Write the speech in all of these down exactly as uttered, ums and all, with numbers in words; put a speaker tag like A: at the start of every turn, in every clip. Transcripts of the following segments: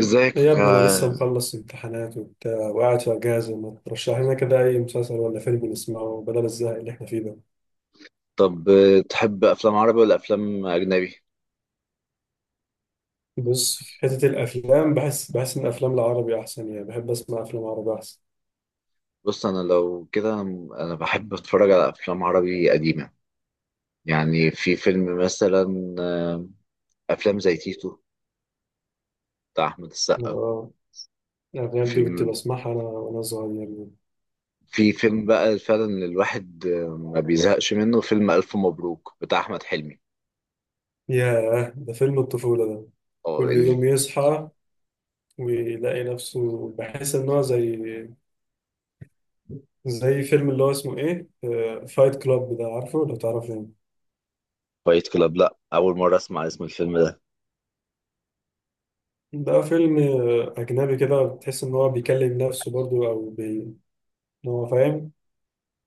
A: ازيك.
B: إيه يا ابني، انا
A: آه،
B: لسه مخلص امتحانات وبتاع وقاعد في اجازه. ما ترشح لنا كده اي مسلسل ولا فيلم نسمعه بدل الزهق اللي احنا فيه ده؟
A: طب، آه، تحب افلام عربي ولا افلام اجنبي؟
B: بص، في حته الافلام بحس بحس ان الافلام العربي احسن. يعني بحب اسمع افلام عربي احسن.
A: بص انا لو كده انا بحب اتفرج على افلام عربي قديمه. يعني في فيلم مثلا آه، افلام زي تيتو بتاع احمد السقا.
B: اه، الافلام دي كنت
A: فيلم
B: بسمعها انا وانا صغير.
A: في فيلم بقى فعلا الواحد آه، ما بيزهقش منه، فيلم الف مبروك بتاع احمد حلمي.
B: ياه، ده فيلم الطفوله ده.
A: اه،
B: كل يوم
A: الفايت
B: يصحى ويلاقي نفسه، بحس ان هو زي زي فيلم اللي هو اسمه ايه، فايت كلاب، ده عارفه لو تعرفه؟
A: كلاب؟ لا، اول مره اسمع اسم الفيلم ده.
B: ده فيلم أجنبي كده، بتحس إن هو بيكلم نفسه برضو، أو بي... إن هو فاهم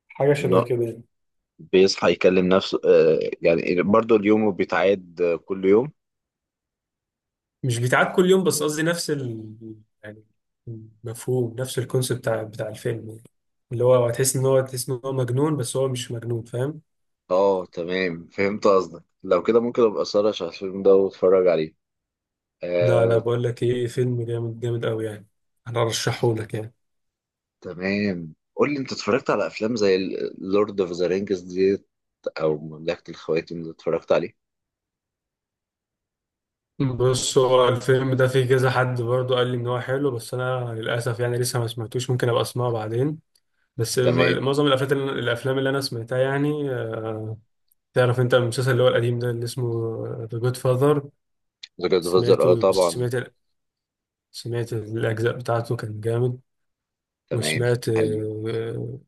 B: حاجة شبه
A: انه
B: كده يعني.
A: بيصحى يكلم نفسه آه، يعني برضه اليوم بيتعاد آه، كل يوم؟
B: مش بيتعاد كل يوم، بس قصدي نفس ال... يعني، مفهوم نفس الكونسيبت بتاع بتاع الفيلم يعني. اللي هو هتحس إن هو تحس إن هو مجنون بس هو مش مجنون، فاهم؟
A: اه، تمام، فهمت قصدك. لو كده ممكن ابقى سهرش على الفيلم ده واتفرج عليه.
B: لا لا،
A: آه.
B: بقول لك إيه، فيلم جامد جامد أوي يعني. أنا أرشحه لك يعني.
A: تمام، قول لي، انت اتفرجت على افلام زي لورد اوف ذا رينجز ديت او مملكة الخواتم اللي اتفرجت عليه؟
B: بص، هو الفيلم ده فيه كذا حد برضو قال لي إن هو حلو، بس أنا للأسف يعني لسه ما سمعتوش. ممكن أبقى أسمعه بعدين. بس م-
A: تمام.
B: معظم الافلام اللي الافلام اللي انا سمعتها يعني آه، تعرف انت المسلسل اللي هو القديم ده اللي اسمه ذا جود فاذر؟
A: ذا جاد فازر، اه
B: سمعته
A: طبعا.
B: سمعت سمعت الاجزاء بتاعته، كان جامد.
A: تمام.
B: وسمعت
A: حلو.
B: آه،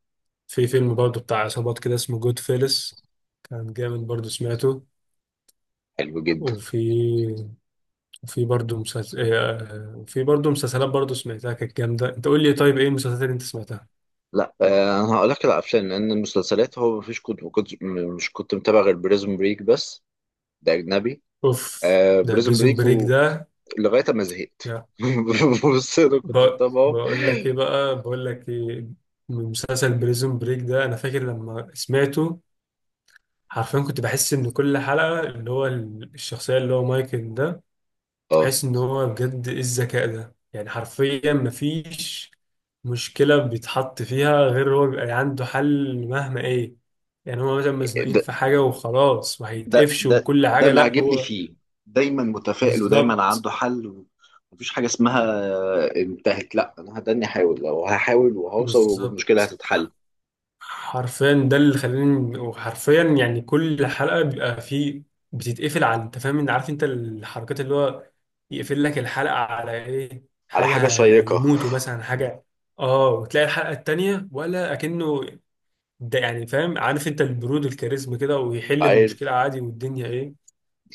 B: في فيلم برضه بتاع عصابات كده اسمه جود فيلس، كان جامد برضه، سمعته.
A: حلو جدا.
B: وفي في برضه مسلسل في برضه مسلسلات برضه سمعتها كانت جامده. انت قول لي طيب ايه المسلسلات اللي انت سمعتها؟
A: لا، آه انا هقول لك على الافلام، لان المسلسلات هو مفيش، كنت ما كنت م- مش كنت متابع غير بريزون بريك بس. ده اجنبي.
B: اوف.
A: آه،
B: ده
A: بريزون
B: بريزون
A: بريك،
B: بريك.
A: ولغايه ما زهقت.
B: ده
A: بص انا كنت
B: ب-
A: متابعه.
B: بقول لك ايه بقى، بقول لك ايه من مسلسل بريزون بريك ده، انا فاكر لما سمعته حرفيا كنت بحس ان كل حلقة، اللي هو ال- الشخصية اللي هو مايكل ده، كنت
A: اه.
B: بحس ان هو، بجد ايه الذكاء ده يعني! حرفيا مفيش مشكلة بيتحط فيها غير هو بيبقى عنده حل، مهما ايه. يعني هو مثلا مزنوقين في حاجة وخلاص
A: ده
B: وهيتقفش
A: ده
B: وكل
A: ده
B: حاجة،
A: اللي
B: لا
A: عاجبني
B: هو.
A: فيه. دايما متفائل ودايما
B: بالظبط،
A: عنده حل، ومفيش حاجة اسمها انتهت. لا، انا هداني احاول، لو هحاول وهوصل
B: بالظبط.
A: والمشكلة هتتحل.
B: حرفيا ده اللي خلاني، وحرفيا يعني كل حلقة بيبقى فيه، بتتقفل على، انت فاهم، انت عارف انت الحركات اللي هو يقفل لك الحلقة على ايه،
A: على حاجة
B: حاجة هي-
A: شيقة.
B: هيموتوا مثلا، حاجة. اه، وتلاقي الحلقة التانية ولا اكنه، ده يعني فاهم، عارف انت البرود، الكاريزما كده، ويحل المشكلة
A: عارف.
B: عادي والدنيا ايه.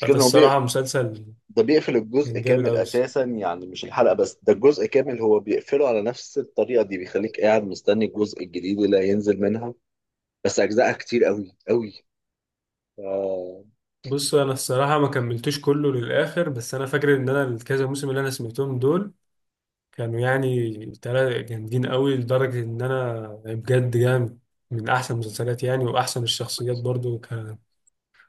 B: فده
A: إن هو بي...
B: الصراحة مسلسل
A: ده بيقفل الجزء
B: كان جامد
A: كامل
B: أوي.
A: اساسا، يعني مش الحلقة بس. ده الجزء كامل، هو بيقفله على نفس الطريقة دي، بيخليك قاعد مستني الجزء الجديد اللي هينزل منها. بس اجزائها كتير قوي قوي. ف...
B: بص انا الصراحة ما كملتوش كله للآخر، بس انا فاكر ان انا الكذا موسم اللي انا سمعتهم دول كانوا يعني تلاتة جامدين قوي، لدرجة إن أنا يعني بجد جامد. من أحسن المسلسلات يعني، وأحسن الشخصيات برضو كان.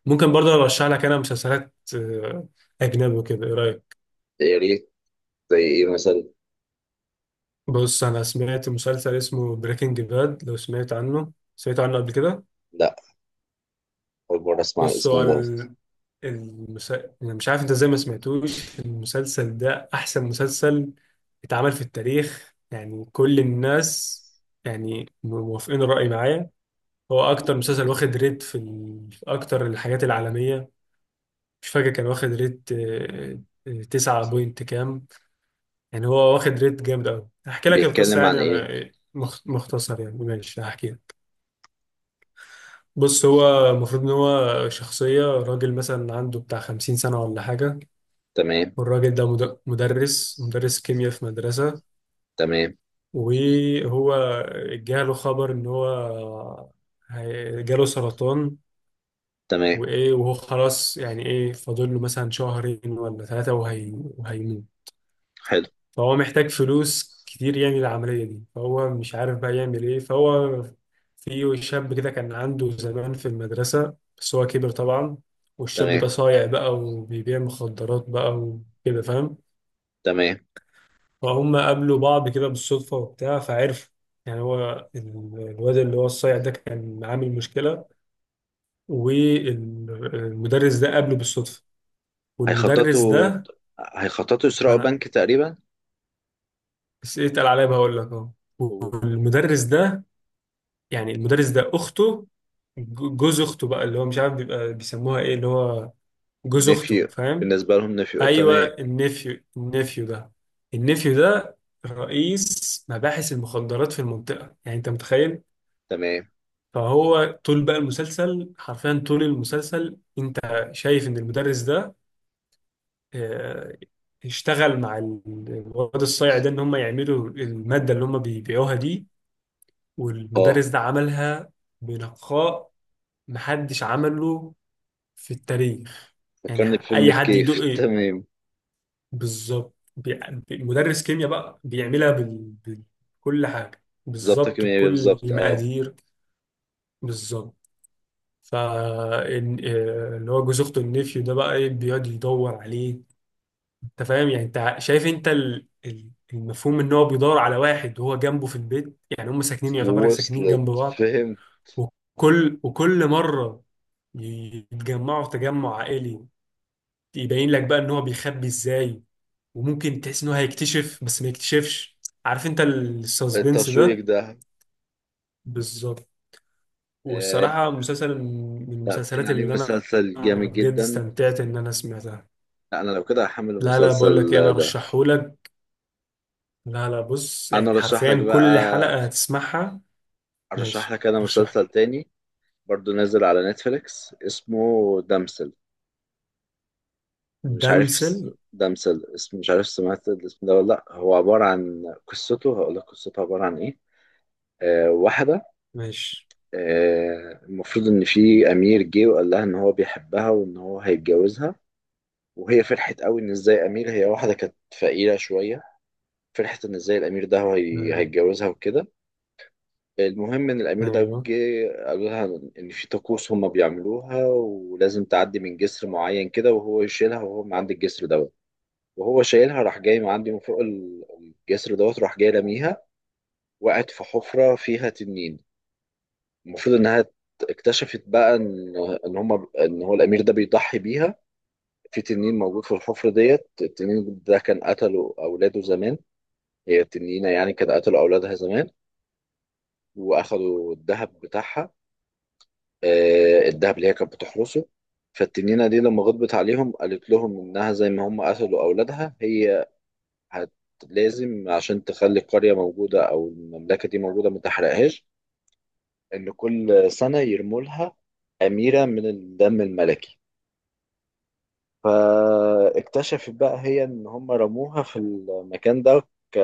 B: ممكن برضو أرشح لك أنا مسلسلات آه، أجنبي وكده، إيه رأيك؟
A: يا ريت. زي ايه مثلا؟
B: بص أنا سمعت مسلسل اسمه بريكنج باد، لو سمعت عنه سمعت عنه قبل كده؟
A: لا، اول مرة اسمع
B: بص
A: الاسم
B: هو
A: ده.
B: ال- المس... أنا مش عارف أنت إزاي ما سمعتوش المسلسل ده، أحسن مسلسل اتعمل في التاريخ. يعني كل الناس يعني موافقين الرأي معايا. هو اكتر مسلسل واخد ريت في, ال... في اكتر الحاجات العالميه. مش فاكر، كان واخد ريت آه، آه، تسعة بوينت كام، يعني هو واخد ريت جامد قوي. هحكي لك القصه
A: بيتكلم عن
B: يعني
A: ايه؟
B: آه، مخ- مختصر يعني، ماشي، هحكي لك. بص هو المفروض ان هو شخصيه راجل مثلا عنده بتاع خمسين سنه ولا حاجه.
A: تمام.
B: والراجل ده مد- مدرس مدرس كيمياء في مدرسه.
A: تمام.
B: وهو جاله خبر ان هو هي- جاله سرطان.
A: تمام.
B: وايه وهو خلاص يعني ايه، فاضل له مثلا شهرين ولا ثلاثة، وهي وهيموت.
A: حلو.
B: فهو محتاج فلوس كتير يعني للعملية دي، فهو مش عارف بقى يعمل ايه. فهو في شاب كده كان عنده زمان في المدرسة، بس هو كبر طبعا. والشاب ده
A: تمام.
B: صايع بقى وبيبيع مخدرات بقى وكده، فاهم.
A: تمام.
B: فهم قابلوا بعض كده بالصدفة وبتاع فعرفوا، يعني هو ال- الواد اللي هو الصايع ده كان عامل مشكلة، والمدرس ده قابله بالصدفة. والمدرس
A: هيخططوا
B: ده،
A: هيخططوا
B: ما
A: يسرقوا
B: انا
A: بنك تقريبا.
B: بس ايه، اتقل عليا بقول لك اهو. والمدرس ده، يعني المدرس ده اخته ج- جوز اخته بقى، اللي هو مش عارف بيبقى بيسموها ايه، اللي هو جوز اخته،
A: ونفي
B: فاهم.
A: بالنسبة لهم، نفي، أه،
B: ايوه،
A: تمام.
B: النفيو النفيو ده، النفيو ده رئيس مباحث المخدرات في المنطقه، يعني انت متخيل.
A: تمام.
B: فهو طول بقى المسلسل حرفيا طول المسلسل، انت شايف ان المدرس ده آه، اشتغل مع ال- الواد الصايع ده، ان هم يعملوا الماده اللي هم بيبيعوها دي.
A: اه،
B: والمدرس ده عملها بنقاء محدش عمله في التاريخ، يعني
A: فكرني بفيلم
B: اي حد يدق
A: الكيف.
B: إيه؟
A: تمام.
B: بالظبط. بي- مدرس كيمياء بقى بيعملها بال... بكل حاجه
A: بالظبط،
B: بالظبط،
A: كمية
B: بكل
A: بالظبط، اه.
B: المقادير بالظبط. ف إن- آه، اللي هو جوز اخته النفيو ده، بقى ايه، بيقعد يدور عليه. انت فاهم يعني، انت شايف انت ال- ال- المفهوم ان هو بيدور على واحد وهو جنبه في البيت، يعني هم ساكنين، يعتبر ساكنين
A: وصلت،
B: جنب بعض.
A: فهمت.
B: وكل وكل مرة يتجمعوا في تجمع عائلي، يبين لك بقى ان هو بيخبي ازاي، وممكن تحس ان هو هيكتشف بس ما يكتشفش، عارف انت السسبنس
A: التشويق
B: ده.
A: ده.
B: بالظبط.
A: آه.
B: والصراحة مسلسل من
A: لا، باين
B: المسلسلات
A: عليه
B: اللي انا
A: مسلسل جامد
B: بجد
A: جدا.
B: استمتعت ان انا سمعتها.
A: لا، انا لو كده هحمل
B: لا لا، بقول
A: المسلسل
B: لك ايه، انا
A: ده.
B: رشحهولك. لا لا، بص
A: انا
B: يعني
A: ارشح لك
B: حرفيا كل
A: بقى،
B: حلقة هتسمعها.
A: ارشح
B: ماشي،
A: لك انا
B: رشح.
A: مسلسل تاني. برضو نازل على نتفليكس اسمه دمسل. مش عارف
B: دمسل.
A: س- ده مثل اسم، مش عارف سمعت الاسم ده ولا لأ. هو عبارة عن قصته، هقول لك قصته عبارة عن إيه. آه واحدة،
B: ماشي.
A: آه المفروض إن في أمير جه وقال لها إن هو بيحبها وإن هو هيتجوزها. وهي فرحت قوي إن إزاي أمير. هي واحدة كانت فقيرة شوية، فرحت إن إزاي الأمير ده هو هي-
B: ايوه.
A: هيتجوزها وكده. المهم إن الأمير ده
B: أيوة.
A: جه قالوا لها إن في طقوس هما بيعملوها ولازم تعدي من جسر معين كده، وهو يشيلها وهو من عند الجسر ده. وهو شايلها راح جاي من عندي من فوق ال- الجسر دوت، راح جاي لاميها. وقعت في حفرة فيها تنين. المفروض انها ت- اكتشفت بقى ان ان هم ان هو الامير ده بيضحي بيها. في تنين موجود في الحفرة ديت. التنين ده كان قتله اولاده زمان، هي التنينة يعني كان قتلوا اولادها زمان واخدوا الذهب بتاعها. آه، الذهب اللي هي كانت بتحرسه. فالتنينة دي لما غضبت عليهم قالت لهم انها زي ما هم قتلوا اولادها، هي هت... لازم عشان تخلي القرية موجودة أو المملكة دي موجودة ما تحرقهاش، إن كل سنة يرموا لها أميرة من الدم الملكي. فاكتشفت بقى هي إن هم رموها في المكان ده ك...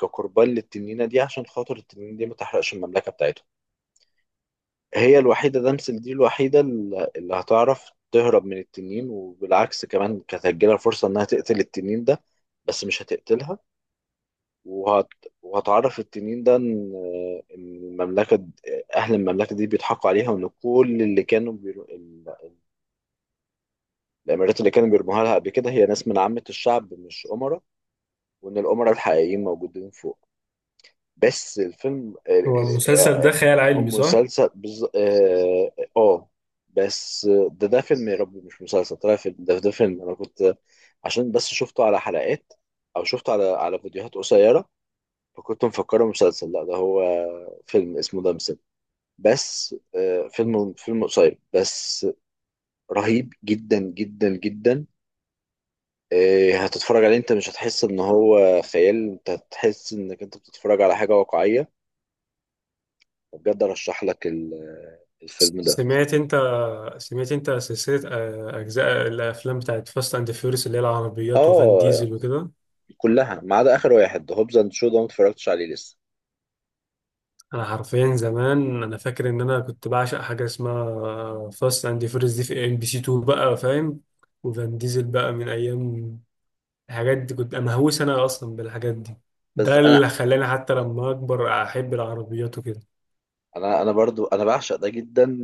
A: كقربان للتنينة دي، عشان خاطر التنينة دي ما تحرقش المملكة بتاعتهم. هي الوحيدة، دمسل دي الوحيدة اللي اللي هتعرف تهرب من التنين. وبالعكس كمان كانت هتجيلها فرصة إنها تقتل التنين ده، بس مش هتقتلها. وهت... وهتعرف التنين ده ان إن المملكه د- اهل المملكه دي بيضحكوا عليها، وان كل اللي كانوا بيرو... ال- الامارات اللي كانوا بيرموها لها قبل كده هي ناس من عامه الشعب مش امراء، وان الامراء الحقيقيين موجودين فوق. بس الفيلم،
B: هو المسلسل ده خيال
A: ام
B: علمي صح؟
A: مسلسل بز... اه آه. آه، بس ده ده فيلم، يا ربي، مش مسلسل. طلع فيلم. ده ده فيلم انا كنت، عشان بس شفته على حلقات، او شفته على على فيديوهات قصيره، فكنت مفكره مسلسل. لا، ده هو فيلم اسمه دمسم. بس آه، فيلم، فيلم قصير بس. رهيب جدا جدا جدا. آه، هتتفرج عليه، انت مش هتحس ان هو خيال، انت هتحس انك انت بتتفرج على حاجة واقعية. بجد ارشح لك ال- الفيلم ده.
B: سمعت انت سمعت انت سلسلة آه، اجزاء الافلام بتاعت فاست اند فيوريوس، اللي هي العربيات وفان
A: اه،
B: ديزل وكده؟
A: كلها ما عدا اخر واحد، هوبز اند شو، ده ما اتفرجتش عليه لسه.
B: انا حرفيا زمان انا فاكر ان انا كنت بعشق حاجة اسمها فاست اند فيوريوس دي، في ام بي سي اتنين بقى، فاهم. وفان ديزل بقى من ايام، الحاجات دي كنت مهووس انا اصلا بالحاجات دي.
A: بس
B: ده
A: انا
B: اللي خلاني حتى لما اكبر احب العربيات وكده.
A: انا انا برضو انا بعشق ده جدا.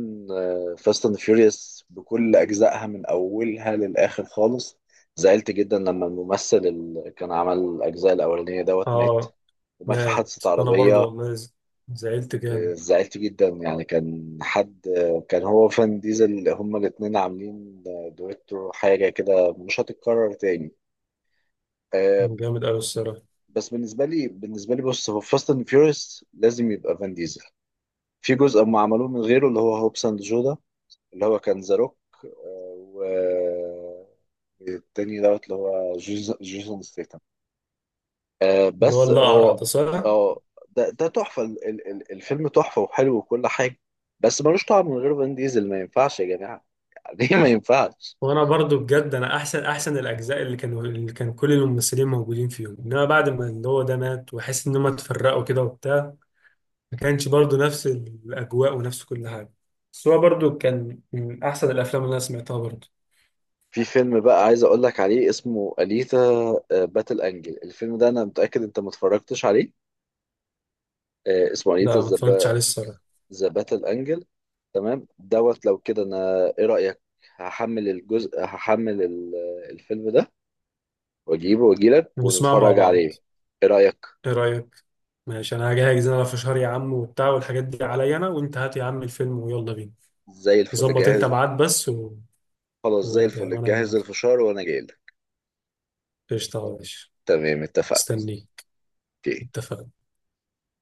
A: فاست اند فيوريوس بكل اجزائها من اولها للاخر خالص. زعلت جدا لما الممثل اللي كان عمل الاجزاء الاولانيه دوت مات،
B: اه،
A: ومات في
B: مات.
A: حادثه
B: وانا برضو
A: عربيه.
B: والله ز- زعلت
A: آه،
B: جامد،
A: زعلت جدا، يعني كان حد، آه، كان هو وفان ديزل هما الاتنين عاملين آه، دويتو، حاجه كده مش هتتكرر تاني. آه،
B: جامد قوي الصراحة.
A: بس بالنسبه لي، بالنسبه لي بص هو فاست اند فيوريوس لازم يبقى فان ديزل. في جزء هم عملوه من غيره، اللي هو هوبس اند جودا، اللي هو كان ذا روك. آه، والتاني دوت اللي هو جيسون جيسون ستيتم. آه،
B: اللي هو
A: بس
B: الاقرع
A: هو
B: ده صح؟
A: اه ده ده تحفة، ال- ال- ال- الفيلم تحفة وحلو وكل حاجة. بس ملوش طعم من غير فان ديزل، ما ينفعش يا جماعة. ليه ما ينفعش؟
B: وانا برضو بجد انا احسن، احسن الاجزاء اللي كانوا اللي كان كل الممثلين موجودين فيهم، انما بعد ما اللي هو ده مات، واحس ان هم اتفرقوا كده وبتاع، ما كانش برضو نفس الاجواء ونفس كل حاجه. بس هو برضو كان من احسن الافلام اللي انا سمعتها برضو.
A: في فيلم بقى عايز اقول لك عليه، اسمه أليتا باتل انجل. الفيلم ده انا متأكد انت ما اتفرجتش عليه. آه، اسمه أليتا
B: ده ما اتفرجتش عليه الصراحه.
A: ذا باتل انجل. تمام دوت، لو كده انا ايه رأيك؟ هحمل الجزء هحمل ال- آه، الفيلم ده، واجيبه واجيلك
B: بنسمعه مع
A: ونتفرج
B: بعض؟
A: عليه. ايه رأيك؟
B: ايه رايك؟ ماشي، انا هجهز. انا في شهر يا عم وبتاع والحاجات دي عليا، انا وانت هات يا عم الفيلم ويلا بينا.
A: زي الفل
B: ظبط انت
A: جاهز.
B: ميعاد بس و...
A: خلاص، زي
B: وانا جاي
A: الفل
B: وانا
A: جاهز،
B: موافق.
A: الفشار وانا جايلك.
B: قشطه يا باشا.
A: تمام، اتفقنا.
B: مستنيك.
A: اوكي.
B: اتفقنا.